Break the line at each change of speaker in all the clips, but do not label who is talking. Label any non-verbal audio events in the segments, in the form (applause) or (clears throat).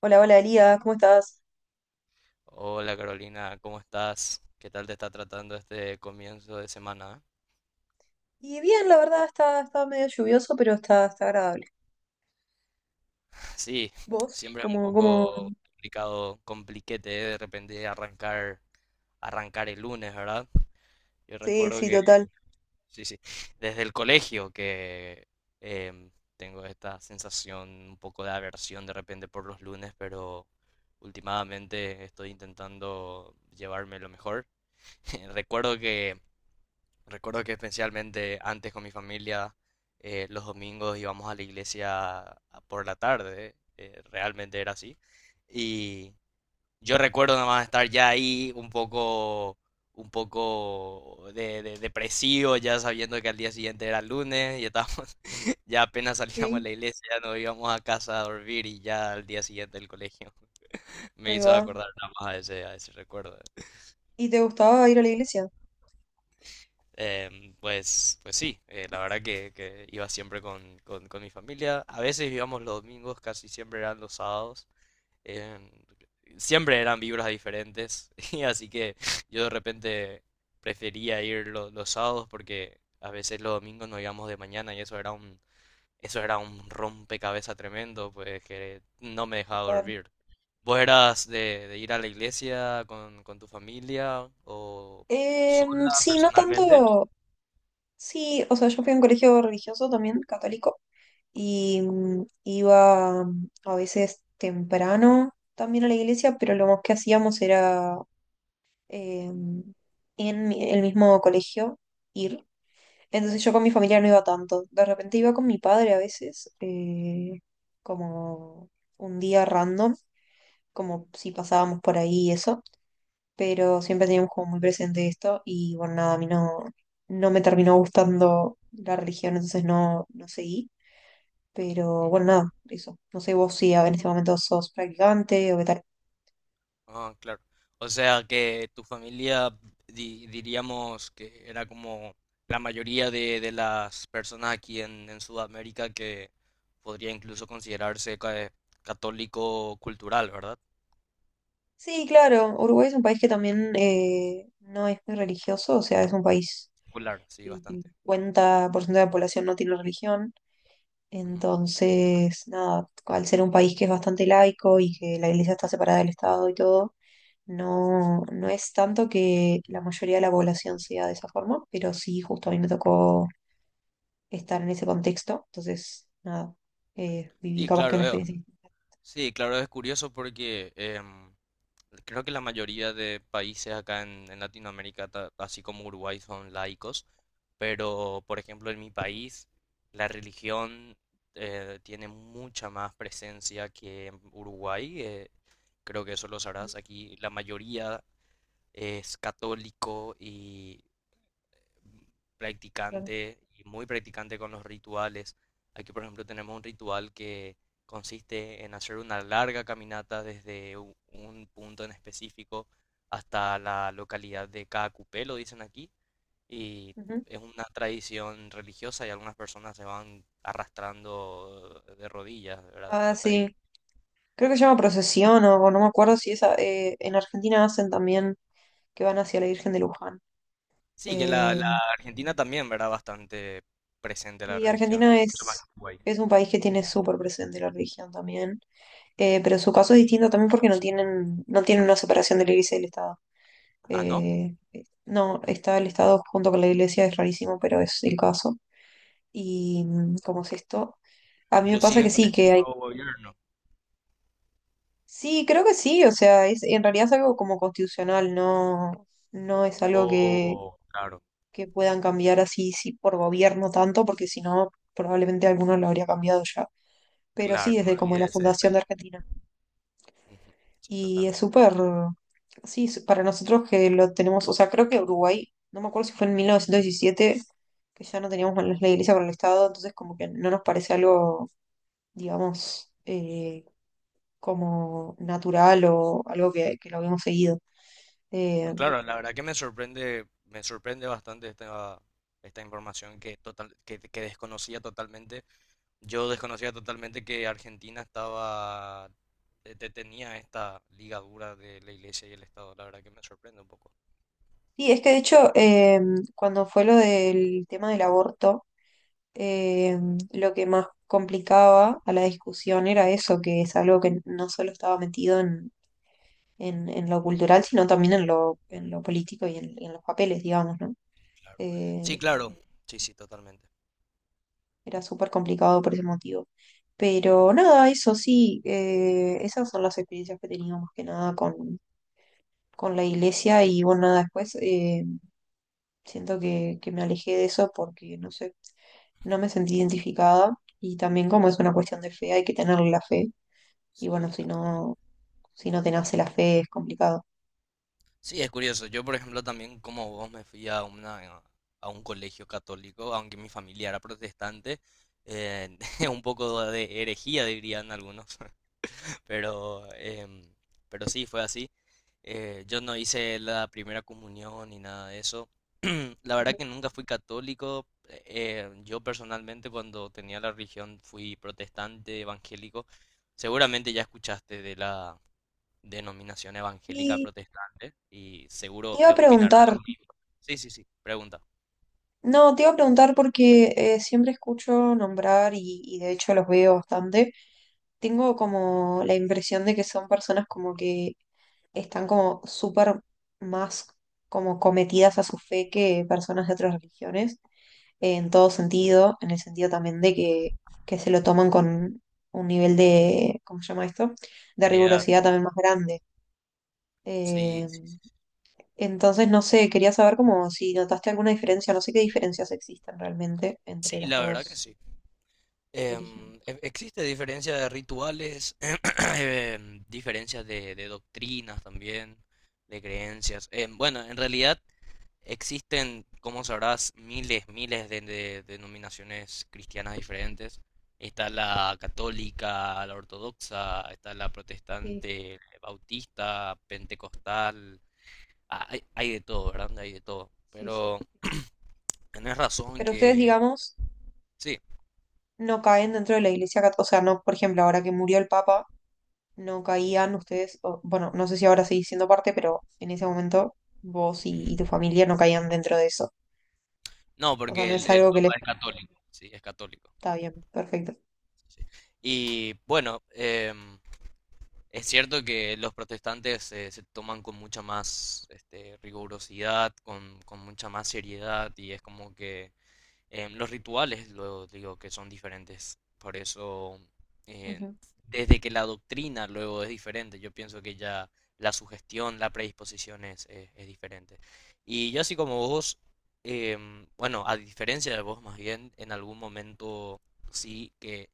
Hola, hola Elías, ¿cómo estás?
Hola Carolina, ¿cómo estás? ¿Qué tal te está tratando este comienzo de semana?
Y bien, la verdad está medio lluvioso, pero está agradable.
(laughs) Sí,
¿Vos?
siempre es un
¿Cómo,
poco
cómo?
complicado, compliquete de repente arrancar, arrancar el lunes, ¿verdad? Yo
Sí,
recuerdo
sí, total.
sí, sí, desde el colegio que em, tengo esta sensación, un poco de aversión de repente por los lunes, pero últimamente estoy intentando llevarme lo mejor. (laughs) Recuerdo que Recuerdo que especialmente antes con mi familia, los domingos íbamos a la iglesia por la tarde, realmente era así. Y yo recuerdo nada más estar ya ahí un poco depresivo, ya sabiendo que al día siguiente era lunes y estábamos, (laughs) ya apenas salíamos de
Sí,
la iglesia, nos íbamos a casa a dormir y ya al día siguiente del colegio. (laughs) Me
ahí
hizo
va.
acordar nada más a ese recuerdo.
¿Y te gustaba ir a la iglesia?
Pues, pues sí, la verdad que iba siempre con, con mi familia. A veces íbamos los domingos, casi siempre eran los sábados. em, Siempre eran vibras diferentes. (laughs) Y así que yo de repente prefería ir los sábados porque a veces los domingos nos íbamos de mañana y eso era un rompecabezas tremendo, pues que no me dejaba
Total.
dormir. ¿Vos eras de ir a la iglesia con tu familia o sola
Sí, no
personalmente?
tanto. Sí, o sea, yo fui a un colegio religioso también, católico, y iba, a veces temprano también a la iglesia, pero lo más que hacíamos era em, en el mismo colegio ir. Entonces yo con mi familia no iba tanto. De repente iba con mi padre a veces, como un día random, como si pasábamos por ahí y eso. Pero siempre teníamos como muy presente esto y bueno, nada, a mí no, no me terminó gustando la religión, entonces no, no seguí. Pero bueno, nada, eso. No sé vos si en este momento sos practicante o qué tal.
Ah, claro. O sea que tu familia, diríamos que era como la mayoría de las personas aquí en Sudamérica que podría incluso considerarse católico cultural, ¿verdad?
Sí, claro, Uruguay es un país que también no es muy religioso, o sea, es un país
Popular, sí,
que el
bastante.
50% de la población no tiene religión.
Ujú.
Entonces, nada, al ser un país que es bastante laico y que la iglesia está separada del Estado y todo, no, no es tanto que la mayoría de la población sea de esa forma, pero sí, justo a mí me tocó estar en ese contexto. Entonces, nada, viví
Sí,
capaz que
claro,
una
Eo.
experiencia.
Sí, claro, es curioso porque creo que la mayoría de países acá en Latinoamérica, así como Uruguay, son laicos, pero por ejemplo en mi país la religión tiene mucha más presencia que en Uruguay. Creo que eso lo sabrás. Aquí la mayoría es católico y
Claro.
practicante y muy practicante con los rituales. Aquí, por ejemplo, tenemos un ritual que consiste en hacer una larga caminata desde un punto en específico hasta la localidad de Caacupé, lo dicen aquí, y
Ujú.
es una tradición religiosa y algunas personas se van arrastrando de rodillas, ¿verdad?
Ah,
Hasta ahí.
sí. Creo que se llama procesión o no me acuerdo si esa. En Argentina hacen también que van hacia la Virgen de Luján.
Sí, que la
Eh,
Argentina también, ¿verdad? Bastante presente la
y
religión.
Argentina es un país que tiene súper presente la religión también. Pero su caso es distinto también porque no tienen, no tienen una separación de la iglesia y del Estado.
Ah, ¿no?
No, está el Estado junto con la iglesia, es rarísimo, pero es el caso. Y cómo es esto, a mí me pasa que
Inclusive con
sí,
este
que hay...
nuevo gobierno.
Sí, creo que sí, o sea, es, en realidad es algo como constitucional, no, no es algo
Oh, claro.
que puedan cambiar así sí, por gobierno tanto, porque si no, probablemente alguno lo habría cambiado ya. Pero sí,
Claro, me
desde como
olvidé de
la
ese
fundación de
detalle.
Argentina.
Ujú, sí,
Y es
totalmente.
súper, sí, para nosotros que lo tenemos, o sea, creo que Uruguay, no me acuerdo si fue en 1917 que ya no teníamos más la iglesia para el Estado, entonces como que no nos parece algo, digamos, como natural o algo que lo habíamos seguido. Eh,
No, claro, la verdad que me sorprende bastante esta, esta información que, total, que desconocía totalmente. Yo desconocía totalmente que Argentina estaba, tenía esta ligadura de la iglesia y el Estado. La verdad que me sorprende un poco.
y es que de hecho, cuando fue lo del tema del aborto, eh, lo que más complicaba a la discusión era eso, que es algo que no solo estaba metido en lo cultural, sino también en lo político y en los papeles, digamos, ¿no?
Claro. Sí,
Eh,
claro. Sí, sí, totalmente.
Era súper complicado por ese motivo. Pero nada, eso sí, esas son las experiencias que he tenido más que nada con, con la iglesia y bueno, nada, después siento que me alejé de eso porque, no sé, no me sentí identificada y también como es una cuestión de fe, hay que tener la fe y bueno,
Sí,
si
totalmente.
no, si no te nace la fe es complicado.
Sí, es curioso. Yo, por ejemplo, también como vos me fui a una, a un colegio católico, aunque mi familia era protestante, eh, (laughs) un poco de herejía dirían algunos, (laughs) pero, pero sí, fue así. Yo no hice la primera comunión ni nada de eso. (clears throat) La verdad que nunca fui católico. Yo personalmente cuando tenía la religión fui protestante, evangélico. Seguramente ya escuchaste de la denominación evangélica
Y
protestante y
te
seguro
iba a
opinará
preguntar.
lo mismo. Sí, sí, sí, pregunta.
No, te iba a preguntar porque siempre escucho nombrar y de hecho los veo bastante. Tengo como la impresión de que son personas como que están como súper más como cometidas a su fe que personas de otras religiones, en todo sentido, en el sentido también de que se lo toman con un nivel de, ¿cómo se llama esto? De
Seriedad.
rigurosidad también más grande.
Sí, sí,
Em, entonces, no sé, quería saber como si notaste alguna diferencia, no sé qué diferencias existen realmente entre
sí,
las
la verdad que
dos
sí.
religiones.
Existe diferencia de rituales, (clears throat) diferencias de doctrinas también, de creencias. Em, bueno, en realidad existen, como sabrás, miles, miles de denominaciones cristianas diferentes. Está la católica, la ortodoxa, está la
Sí,
protestante, bautista, pentecostal. Ah, hay de todo, ¿verdad? Hay de todo.
sí, sí.
Pero tenés razón
Pero ustedes,
que
digamos,
sí.
no caen dentro de la iglesia católica, o sea, no, por ejemplo, ahora que murió el Papa, no caían ustedes, o, bueno, no sé si ahora seguís siendo parte, pero en ese momento vos y tu familia no caían dentro de eso.
No,
O sea, no
porque el,
es
el
algo que
Papa
les
es católico, sí, es católico.
está bien, perfecto.
Sí. Sí. Y bueno, em, es cierto que los protestantes se toman con mucha más este, rigurosidad, con mucha más seriedad, y es como que los rituales, luego digo que son diferentes. Por eso, eh,
Ujú.
desde que la doctrina luego es diferente, yo pienso que ya la sugestión, la predisposición es diferente. Y yo así como vos, em, bueno, a diferencia de vos más bien, en algún momento sí que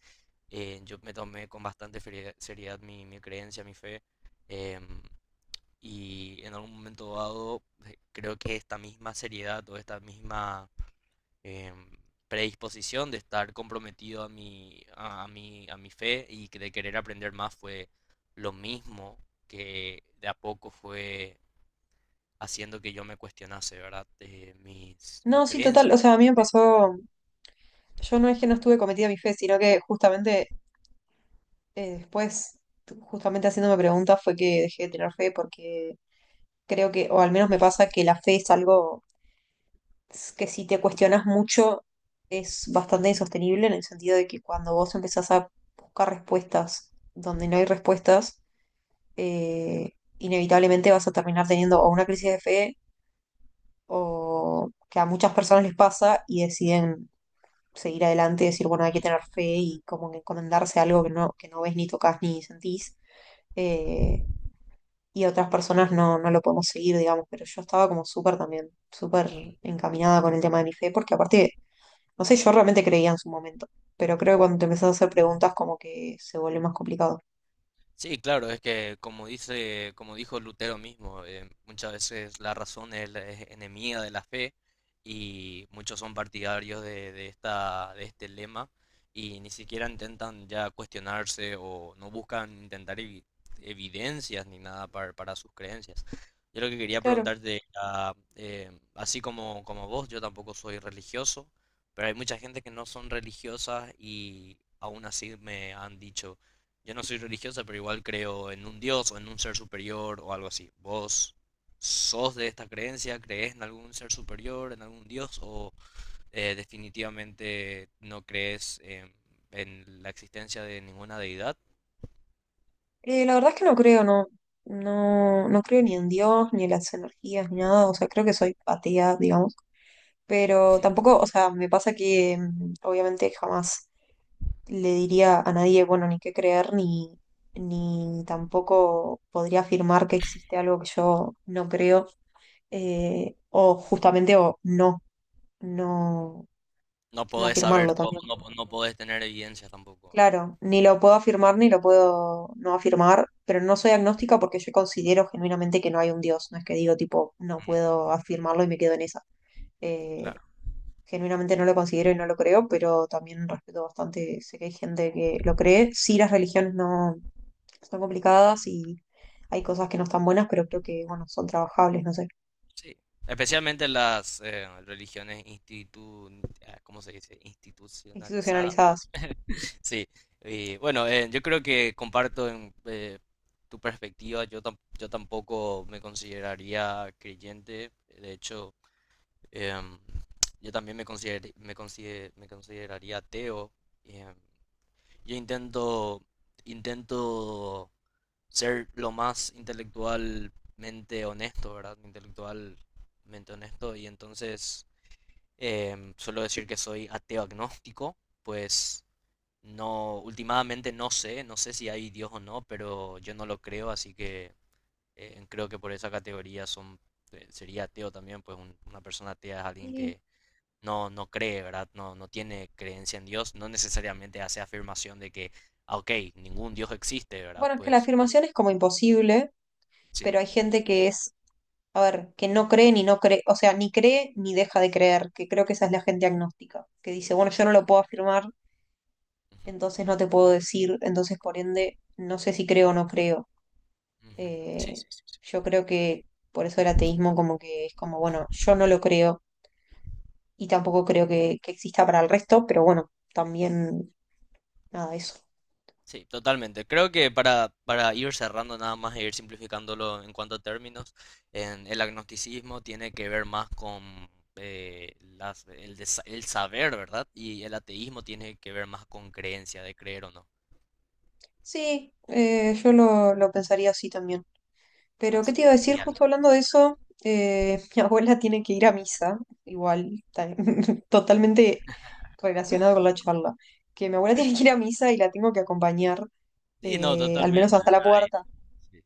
yo me tomé con bastante seriedad mi, mi creencia, mi fe, em, y en algún momento dado creo que esta misma seriedad o esta misma em, predisposición de estar comprometido a mi fe y que de querer aprender más fue lo mismo que de a poco fue haciendo que yo me cuestionase, ¿verdad? Mis, mis
No, sí, total, o
creencias.
sea, a mí me pasó, yo no es que no estuve cometida mi fe, sino que justamente después, justamente haciéndome preguntas, fue que dejé de tener fe porque creo que, o al menos me pasa que la fe es algo que si te cuestionas mucho es bastante insostenible en el sentido de que cuando vos empezás a buscar respuestas donde no hay respuestas, eh, inevitablemente vas a terminar teniendo o una crisis de fe o que a muchas personas les pasa y deciden seguir adelante y decir, bueno, hay que tener fe y como que encomendarse a algo que no ves ni tocas ni sentís. Eh, y otras personas no, no lo podemos seguir, digamos, pero yo estaba como súper también, súper encaminada con el tema de mi fe, porque aparte, no sé, yo realmente creía en su momento, pero creo que cuando te empezás a hacer preguntas como que se vuelve más complicado.
Sí, claro, es que como dice, como dijo Lutero mismo, muchas veces la razón es enemiga de la fe y muchos son partidarios de esta, de este lema y ni siquiera intentan ya cuestionarse o no buscan intentar evidencias ni nada para, para sus creencias. Yo lo que quería
Claro,
preguntarte, era, así como, como vos, yo tampoco soy religioso, pero hay mucha gente que no son religiosas y aún así me han dicho yo no soy religiosa, pero igual creo en un Dios o en un ser superior o algo así. ¿Vos sos de esta creencia? ¿Crees en algún ser superior, en algún Dios? ¿O definitivamente no crees en la existencia de ninguna deidad?
la verdad es que no creo, no, no, no creo ni en Dios, ni en las energías, ni nada, o sea, creo que soy atea, digamos, pero tampoco, o sea, me pasa que obviamente jamás le diría a nadie, bueno, ni qué creer, ni, ni tampoco podría afirmar que existe algo que yo no creo, o justamente o no, no,
No
no
podés saber
afirmarlo
todo,
también.
no, no podés tener evidencia tampoco.
Claro, ni lo puedo afirmar ni lo puedo no afirmar, pero no soy agnóstica porque yo considero genuinamente que no hay un Dios, no es que digo tipo, no
Mm,
puedo afirmarlo y me quedo en esa. Eh,
claro,
Genuinamente no lo considero y no lo creo, pero también respeto bastante, sé que hay gente que lo cree. Sí, las religiones no, son complicadas y hay cosas que no están buenas, pero creo que, bueno, son trabajables, no sé,
sí. Especialmente las religiones ah, ¿cómo se dice? Institucionalizadas.
institucionalizadas.
Sí, y bueno, yo creo que comparto en, tu perspectiva, yo, yo tampoco me consideraría creyente, de hecho, em, yo también me consideraría ateo. em, yo intento, intento ser lo más intelectualmente honesto, ¿verdad? Intelectualmente honesto, y entonces suelo decir que soy ateo agnóstico, pues no, últimamente no sé, no sé si hay Dios o no, pero yo no lo creo, así que creo que por esa categoría son, sería ateo también, pues una persona atea es alguien
Y
que no, no cree, ¿verdad? No, no tiene creencia en Dios, no necesariamente hace afirmación de que, ah, ok, ningún Dios existe, ¿verdad?
bueno, es que la
Pues
afirmación es como imposible,
sí.
pero hay gente que es, a ver, que no cree ni no cree, o sea, ni cree ni deja de creer, que creo que esa es la gente agnóstica, que dice, bueno, yo no lo puedo afirmar,
Ujú,
entonces no te puedo decir, entonces por ende, no sé si creo o no creo.
ujú, sí,
Eh,
sí, sí.
yo creo que por eso el ateísmo como que es como, bueno, yo no lo creo y tampoco creo que exista para el resto, pero bueno, también nada, eso.
Sí, totalmente. Creo que para ir cerrando nada más e ir simplificándolo en cuanto a términos, en el agnosticismo tiene que ver más con el saber, ¿verdad? Y el ateísmo tiene que ver más con creencia, de creer o no.
Sí, yo lo pensaría así también. Pero, ¿qué
Así.
te iba a decir?
Genial.
Justo hablando de eso, (laughs) mi abuela tiene que ir a misa, igual, (laughs) totalmente relacionado con la charla, que mi abuela (laughs) tiene que ir a misa y la tengo que acompañar,
Sí, no,
al menos
totalmente.
hasta la
Ay,
puerta.
sí.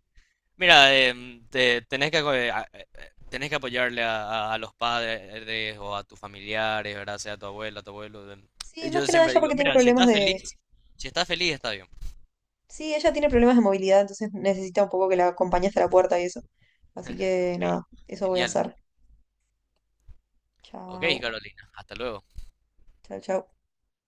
Mira, tenés que, tenés que apoyarle a, a los padres o a tus familiares, ¿verdad? Sea tu abuela, tu abuelo.
Sí, más
Yo
que nada
siempre
ella
digo,
porque tiene
mira, si
problemas
estás
de...
feliz, si estás feliz, está bien.
Sí, ella tiene problemas de movilidad, entonces necesita un poco que la acompañe hasta la puerta y eso. Así que
Ok,
nada, eso voy a
genial.
hacer.
Ok,
Chao.
Carolina, hasta luego.
Chao, chao.